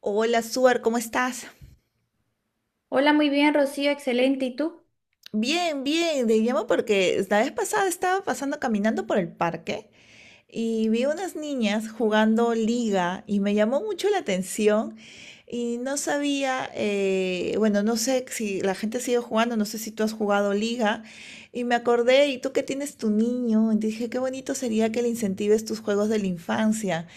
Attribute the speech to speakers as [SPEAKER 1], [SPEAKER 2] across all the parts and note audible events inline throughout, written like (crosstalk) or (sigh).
[SPEAKER 1] Hola, Suar, ¿cómo estás?
[SPEAKER 2] Hola, muy bien, Rocío, excelente. ¿Y tú?
[SPEAKER 1] Bien, bien, te llamo porque la vez pasada estaba pasando caminando por el parque y vi unas niñas jugando liga y me llamó mucho la atención y no sabía, bueno, no sé si la gente sigue jugando, no sé si tú has jugado liga y me acordé, ¿y tú que tienes tu niño? Y dije, qué bonito sería que le incentives tus juegos de la infancia.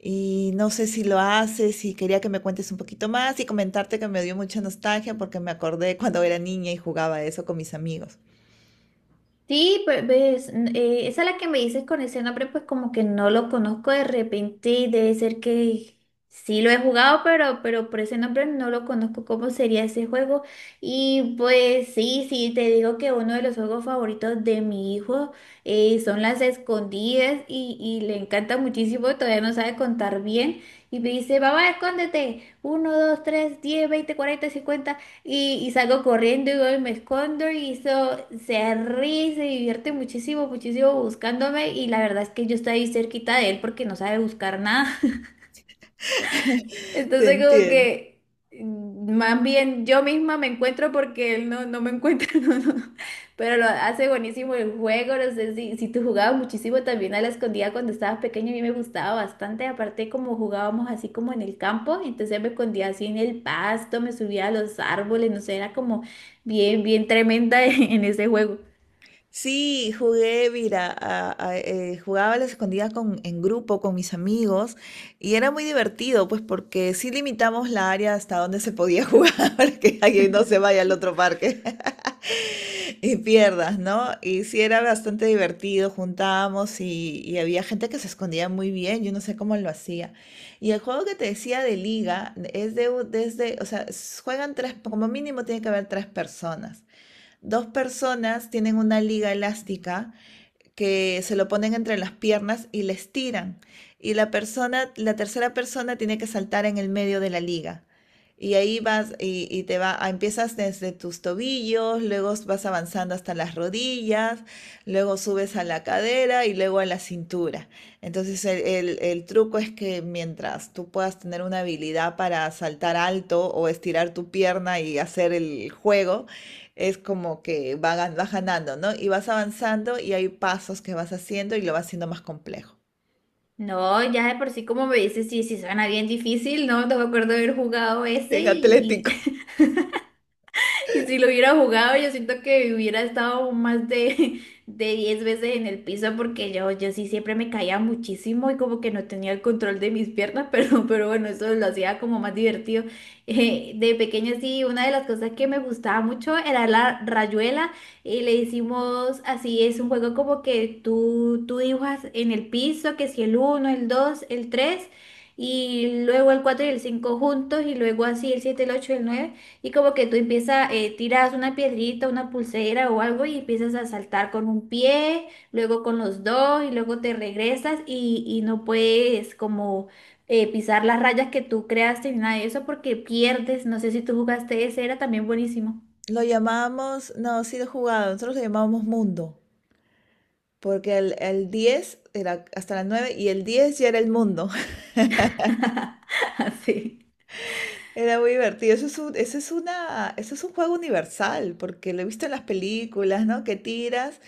[SPEAKER 1] Y no sé si lo haces y quería que me cuentes un poquito más y comentarte que me dio mucha nostalgia porque me acordé cuando era niña y jugaba eso con mis amigos.
[SPEAKER 2] Sí, pues ves, esa es la que me dices con ese nombre, pues como que no lo conozco de repente, debe ser que sí lo he jugado, pero por ese nombre no lo conozco cómo sería ese juego. Y pues sí, sí, te digo que uno de los juegos favoritos de mi hijo, son las escondidas y le encanta muchísimo, todavía no sabe contar bien. Y me dice, papá, escóndete. Uno, dos, tres, 10, 20, 40, 50. Y salgo corriendo y voy me escondo y eso, se ríe, se divierte muchísimo, muchísimo buscándome y la verdad es que yo estoy ahí cerquita de él porque no sabe buscar nada.
[SPEAKER 1] (laughs) Te
[SPEAKER 2] Entonces, como
[SPEAKER 1] entiendo.
[SPEAKER 2] que más bien yo misma me encuentro porque él no, no me encuentra, (laughs) no, no. Pero lo hace buenísimo el juego, no sé si tú jugabas muchísimo también a la escondida cuando estabas pequeño, a mí me gustaba bastante, aparte como jugábamos así como en el campo, entonces me escondía así en el pasto, me subía a los árboles, no sé, era como bien, bien tremenda (laughs) en ese juego.
[SPEAKER 1] Sí, jugué, mira, jugaba a las escondidas en grupo con mis amigos y era muy divertido, pues porque sí limitamos la área hasta donde se podía jugar (laughs) para que alguien no se vaya al otro parque (laughs) y pierdas, ¿no? Y sí era bastante divertido, juntábamos y había gente que se escondía muy bien, yo no sé cómo lo hacía. Y el juego que te decía de liga es desde, o sea, juegan tres, como mínimo tiene que haber tres personas. Dos personas tienen una liga elástica que se lo ponen entre las piernas y la estiran. Y la persona, la tercera persona tiene que saltar en el medio de la liga. Y ahí vas y empiezas desde tus tobillos, luego vas avanzando hasta las rodillas, luego subes a la cadera y luego a la cintura. Entonces el truco es que mientras tú puedas tener una habilidad para saltar alto o estirar tu pierna y hacer el juego, es como que vas ganando, ¿no? Y vas avanzando y hay pasos que vas haciendo y lo vas haciendo más complejo.
[SPEAKER 2] No, ya de por sí como me dices, sí, sí suena bien difícil, ¿no? No me acuerdo de haber jugado ese
[SPEAKER 1] Bien. Sí,
[SPEAKER 2] y,
[SPEAKER 1] atlético.
[SPEAKER 2] (laughs) y si lo hubiera jugado, yo siento que hubiera estado más de, (laughs) de 10 veces en el piso porque yo sí siempre me caía muchísimo y como que no tenía el control de mis piernas, (laughs) pero bueno, eso lo hacía como más divertido. De pequeña sí, una de las cosas que me gustaba mucho era la rayuela y le hicimos así, es un juego como que tú dibujas en el piso, que si el uno, el dos, el 3 y luego el 4 y el 5 juntos y luego así el siete, el 8 y el 9 y como que tú empiezas, tiras una piedrita, una pulsera o algo y empiezas a saltar con un pie, luego con los dos y luego te regresas y no puedes como pisar las rayas que tú creaste ni nada de eso porque pierdes. No sé si tú jugaste ese, era también buenísimo.
[SPEAKER 1] No, sí lo he jugado, nosotros lo llamábamos mundo, porque el 10 era hasta las 9 y el 10 ya era el mundo. (laughs)
[SPEAKER 2] (laughs) Así.
[SPEAKER 1] Era muy divertido. Eso es un juego universal, porque lo he visto en las películas, ¿no? Que tiras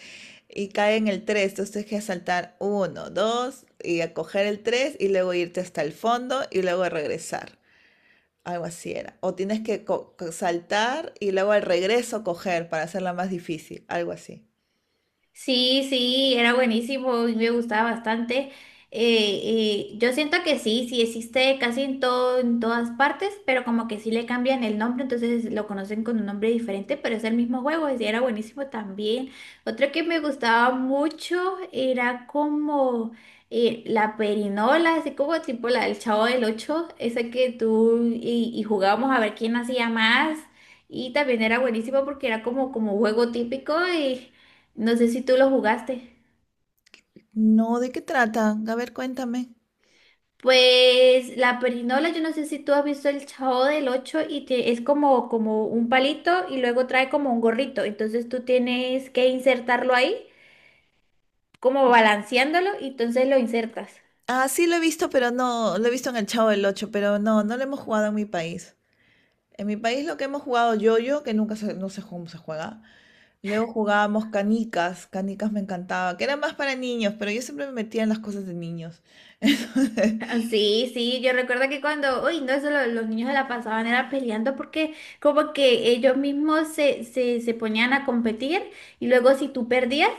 [SPEAKER 1] y cae en el 3, entonces tienes que saltar uno, 2 y a coger el 3 y luego irte hasta el fondo y luego regresar. Algo así era. O tienes que saltar y luego al regreso coger para hacerla más difícil. Algo así.
[SPEAKER 2] Sí, sí, era buenísimo y me gustaba bastante. Eh, yo siento que sí, sí existe casi en todo, en todas partes, pero como que sí le cambian el nombre, entonces lo conocen con un nombre diferente, pero es el mismo juego, y era buenísimo también. Otro que me gustaba mucho era como la perinola, así como tipo la del Chavo del Ocho, esa que tú y jugábamos a ver quién hacía más. Y también era buenísimo porque era como, como juego típico y no sé si tú lo jugaste.
[SPEAKER 1] No, ¿de qué trata? A ver, cuéntame.
[SPEAKER 2] Pues la perinola, yo no sé si tú has visto el Chavo del ocho y es como, como un palito y luego trae como un gorrito. Entonces tú tienes que insertarlo ahí, como balanceándolo, y entonces lo insertas.
[SPEAKER 1] Ah, sí lo he visto, pero no, lo he visto en el Chavo del ocho, pero no, no lo hemos jugado en mi país. En mi país lo que hemos jugado yo-yo, que nunca se, no sé cómo se juega. Luego jugábamos canicas, canicas me encantaba, que era más para niños, pero yo siempre me metía en las cosas de niños. (laughs) Entonces,
[SPEAKER 2] Ah, sí, sí, yo recuerdo que cuando, uy, no, eso los niños se la pasaban era peleando porque como que ellos mismos se ponían a competir y luego si tú perdías,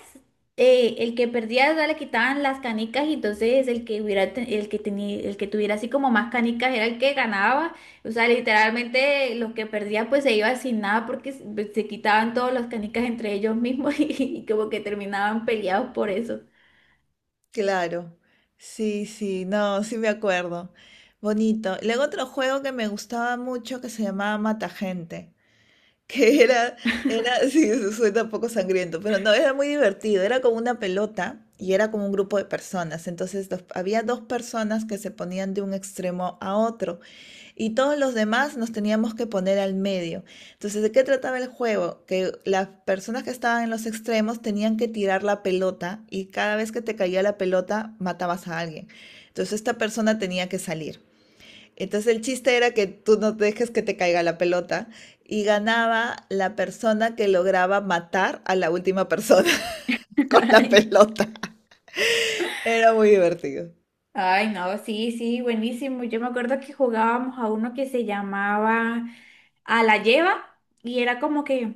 [SPEAKER 2] el que perdía, o sea, le quitaban las canicas y entonces el que hubiera, el que tuviera así como más canicas era el que ganaba, o sea, literalmente los que perdían pues se iban sin nada porque se quitaban todas las canicas entre ellos mismos (laughs) y, como que terminaban peleados por eso.
[SPEAKER 1] claro, sí, sí, no, sí me acuerdo. Bonito. Luego otro juego que me gustaba mucho que se llamaba Mata Gente, (laughs) que era, era, (laughs) sí, eso suena un poco sangriento, pero no, era muy divertido. Era como una pelota y era como un grupo de personas. Entonces había dos personas que se ponían de un extremo a otro. Y todos los demás nos teníamos que poner al medio. Entonces, ¿de qué trataba el juego? Que las personas que estaban en los extremos tenían que tirar la pelota y cada vez que te caía la pelota matabas a alguien. Entonces, esta persona tenía que salir. Entonces, el chiste era que tú no dejes que te caiga la pelota y ganaba la persona que lograba matar a la última persona (laughs) con la
[SPEAKER 2] (laughs)
[SPEAKER 1] pelota. Era muy divertido.
[SPEAKER 2] Ay, no, sí, sí, buenísimo. Yo me acuerdo que jugábamos a uno que se llamaba a la lleva y era como que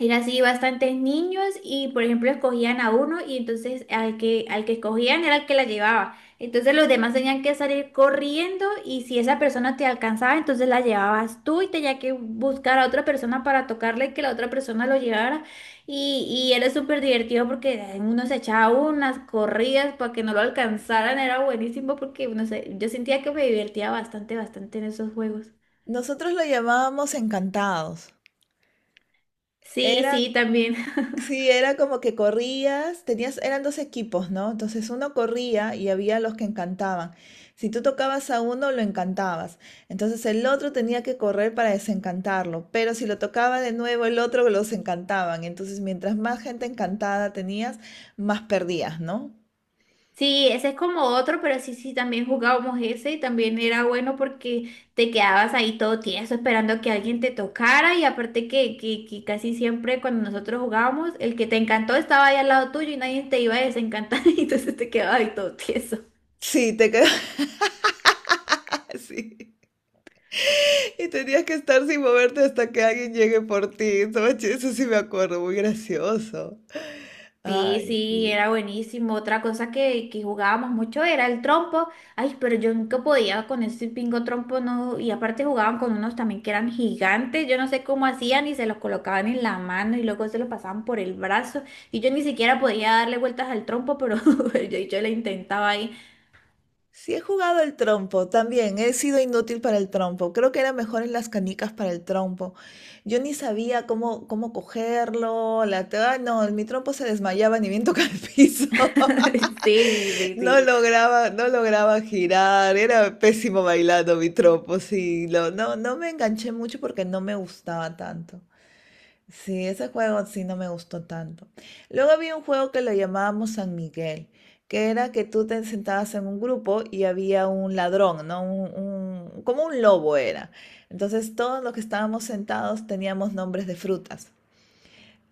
[SPEAKER 2] era así bastantes niños y por ejemplo escogían a uno y entonces al que escogían era el que la llevaba. Entonces los demás tenían que salir corriendo y si esa persona te alcanzaba, entonces la llevabas tú y tenía que buscar a otra persona para tocarle que la otra persona lo llevara. Y era súper divertido porque uno se echaba unas corridas para que no lo alcanzaran. Era buenísimo porque no sé, yo sentía que me divertía bastante, bastante en esos juegos.
[SPEAKER 1] Nosotros lo llamábamos encantados.
[SPEAKER 2] Sí,
[SPEAKER 1] Era
[SPEAKER 2] sí, también.
[SPEAKER 1] Sí, era como que corrías, tenías, eran dos equipos, ¿no? Entonces uno corría y había los que encantaban. Si tú tocabas a uno, lo encantabas. Entonces el otro tenía que correr para desencantarlo. Pero si lo tocaba de nuevo, el otro los encantaban. Entonces mientras más gente encantada tenías, más perdías, ¿no?
[SPEAKER 2] Sí, ese es como otro, pero sí, sí, también jugábamos ese y también era bueno porque te quedabas ahí todo tieso esperando que alguien te tocara y aparte que casi siempre cuando nosotros jugábamos, el que te encantó estaba ahí al lado tuyo y nadie te iba a desencantar (laughs) y entonces te quedabas ahí todo tieso.
[SPEAKER 1] Sí, te quedabas (laughs) así. Y tenías que estar sin moverte hasta que alguien llegue por ti. Eso sí me acuerdo, muy gracioso.
[SPEAKER 2] Sí,
[SPEAKER 1] Ay,
[SPEAKER 2] sí,
[SPEAKER 1] sí.
[SPEAKER 2] era buenísimo. Otra cosa que jugábamos mucho era el trompo. Ay, pero yo nunca podía con ese pingo trompo, no. Y aparte jugaban con unos también que eran gigantes. Yo no sé cómo hacían y se los colocaban en la mano y luego se los pasaban por el brazo. Y yo ni siquiera podía darle vueltas al trompo, pero (laughs) yo le intentaba ahí.
[SPEAKER 1] Sí he jugado el trompo, también he sido inútil para el trompo. Creo que era mejor en las canicas para el trompo. Yo ni sabía cómo, cómo cogerlo, ay, no, mi trompo se desmayaba ni bien tocaba el piso. (laughs)
[SPEAKER 2] (laughs) Sí, sí,
[SPEAKER 1] No
[SPEAKER 2] sí.
[SPEAKER 1] lograba, no lograba girar, era pésimo bailando mi trompo, sí. No, no me enganché mucho porque no me gustaba tanto. Sí, ese juego sí no me gustó tanto. Luego había un juego que lo llamábamos San Miguel, que era que tú te sentabas en un grupo y había un ladrón, ¿no? Como un lobo era. Entonces todos los que estábamos sentados teníamos nombres de frutas.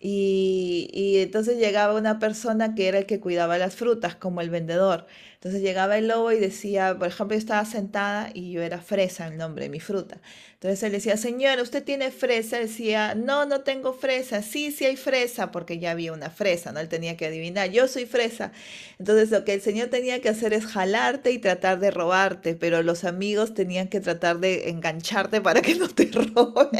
[SPEAKER 1] Y entonces llegaba una persona que era el que cuidaba las frutas, como el vendedor. Entonces llegaba el lobo y decía, por ejemplo, yo estaba sentada y yo era fresa, el nombre de mi fruta. Entonces él decía, señora, ¿usted tiene fresa? Decía, no, no tengo fresa. Sí, sí hay fresa, porque ya había una fresa, ¿no? Él tenía que adivinar, yo soy fresa. Entonces lo que el señor tenía que hacer es jalarte y tratar de robarte, pero los amigos tenían que tratar de engancharte para que no te (laughs) roben.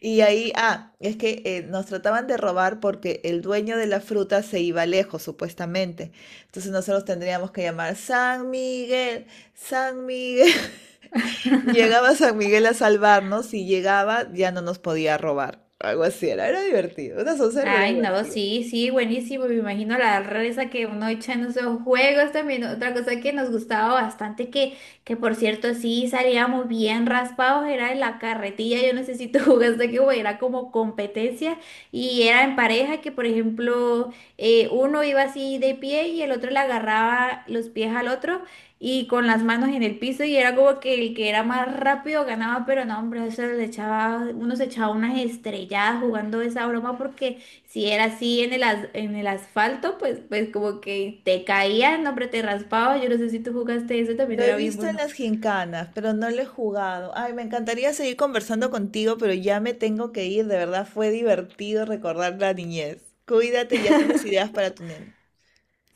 [SPEAKER 1] Y ahí, es que nos trataban de robar porque el dueño de la fruta se iba lejos, supuestamente. Entonces nosotros tendríamos que llamar San Miguel, San Miguel. (laughs) Llegaba San Miguel a salvarnos y llegaba, ya no nos podía robar. Algo así era, era divertido, una soncera, pero
[SPEAKER 2] Ay, no,
[SPEAKER 1] divertido.
[SPEAKER 2] sí, sí, buenísimo. Me imagino la risa que uno echa en esos juegos también. Otra cosa que nos gustaba bastante, que por cierto, sí salíamos bien raspados, era en la carretilla. Yo no sé si tú (laughs) jugaste que era como competencia y era en pareja que, por ejemplo, uno iba así de pie y el otro le agarraba los pies al otro y con las manos en el piso y era como que el que era más rápido ganaba, pero no, hombre, eso le echaba, uno se echaba unas estrelladas jugando esa broma porque si era así en el, en el asfalto, pues como que te caía, no, hombre, te raspaba. Yo no sé si tú jugaste eso, también
[SPEAKER 1] Lo he
[SPEAKER 2] era bien
[SPEAKER 1] visto en
[SPEAKER 2] bueno.
[SPEAKER 1] las gincanas, pero no lo he jugado. Ay, me encantaría seguir conversando contigo, pero ya me tengo que ir. De verdad, fue divertido recordar la niñez. Cuídate, ya tienes ideas para tu nene.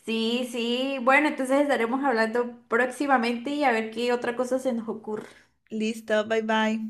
[SPEAKER 2] Sí, sí. Bueno, entonces estaremos hablando próximamente y a ver qué otra cosa se nos ocurre.
[SPEAKER 1] Listo, bye bye.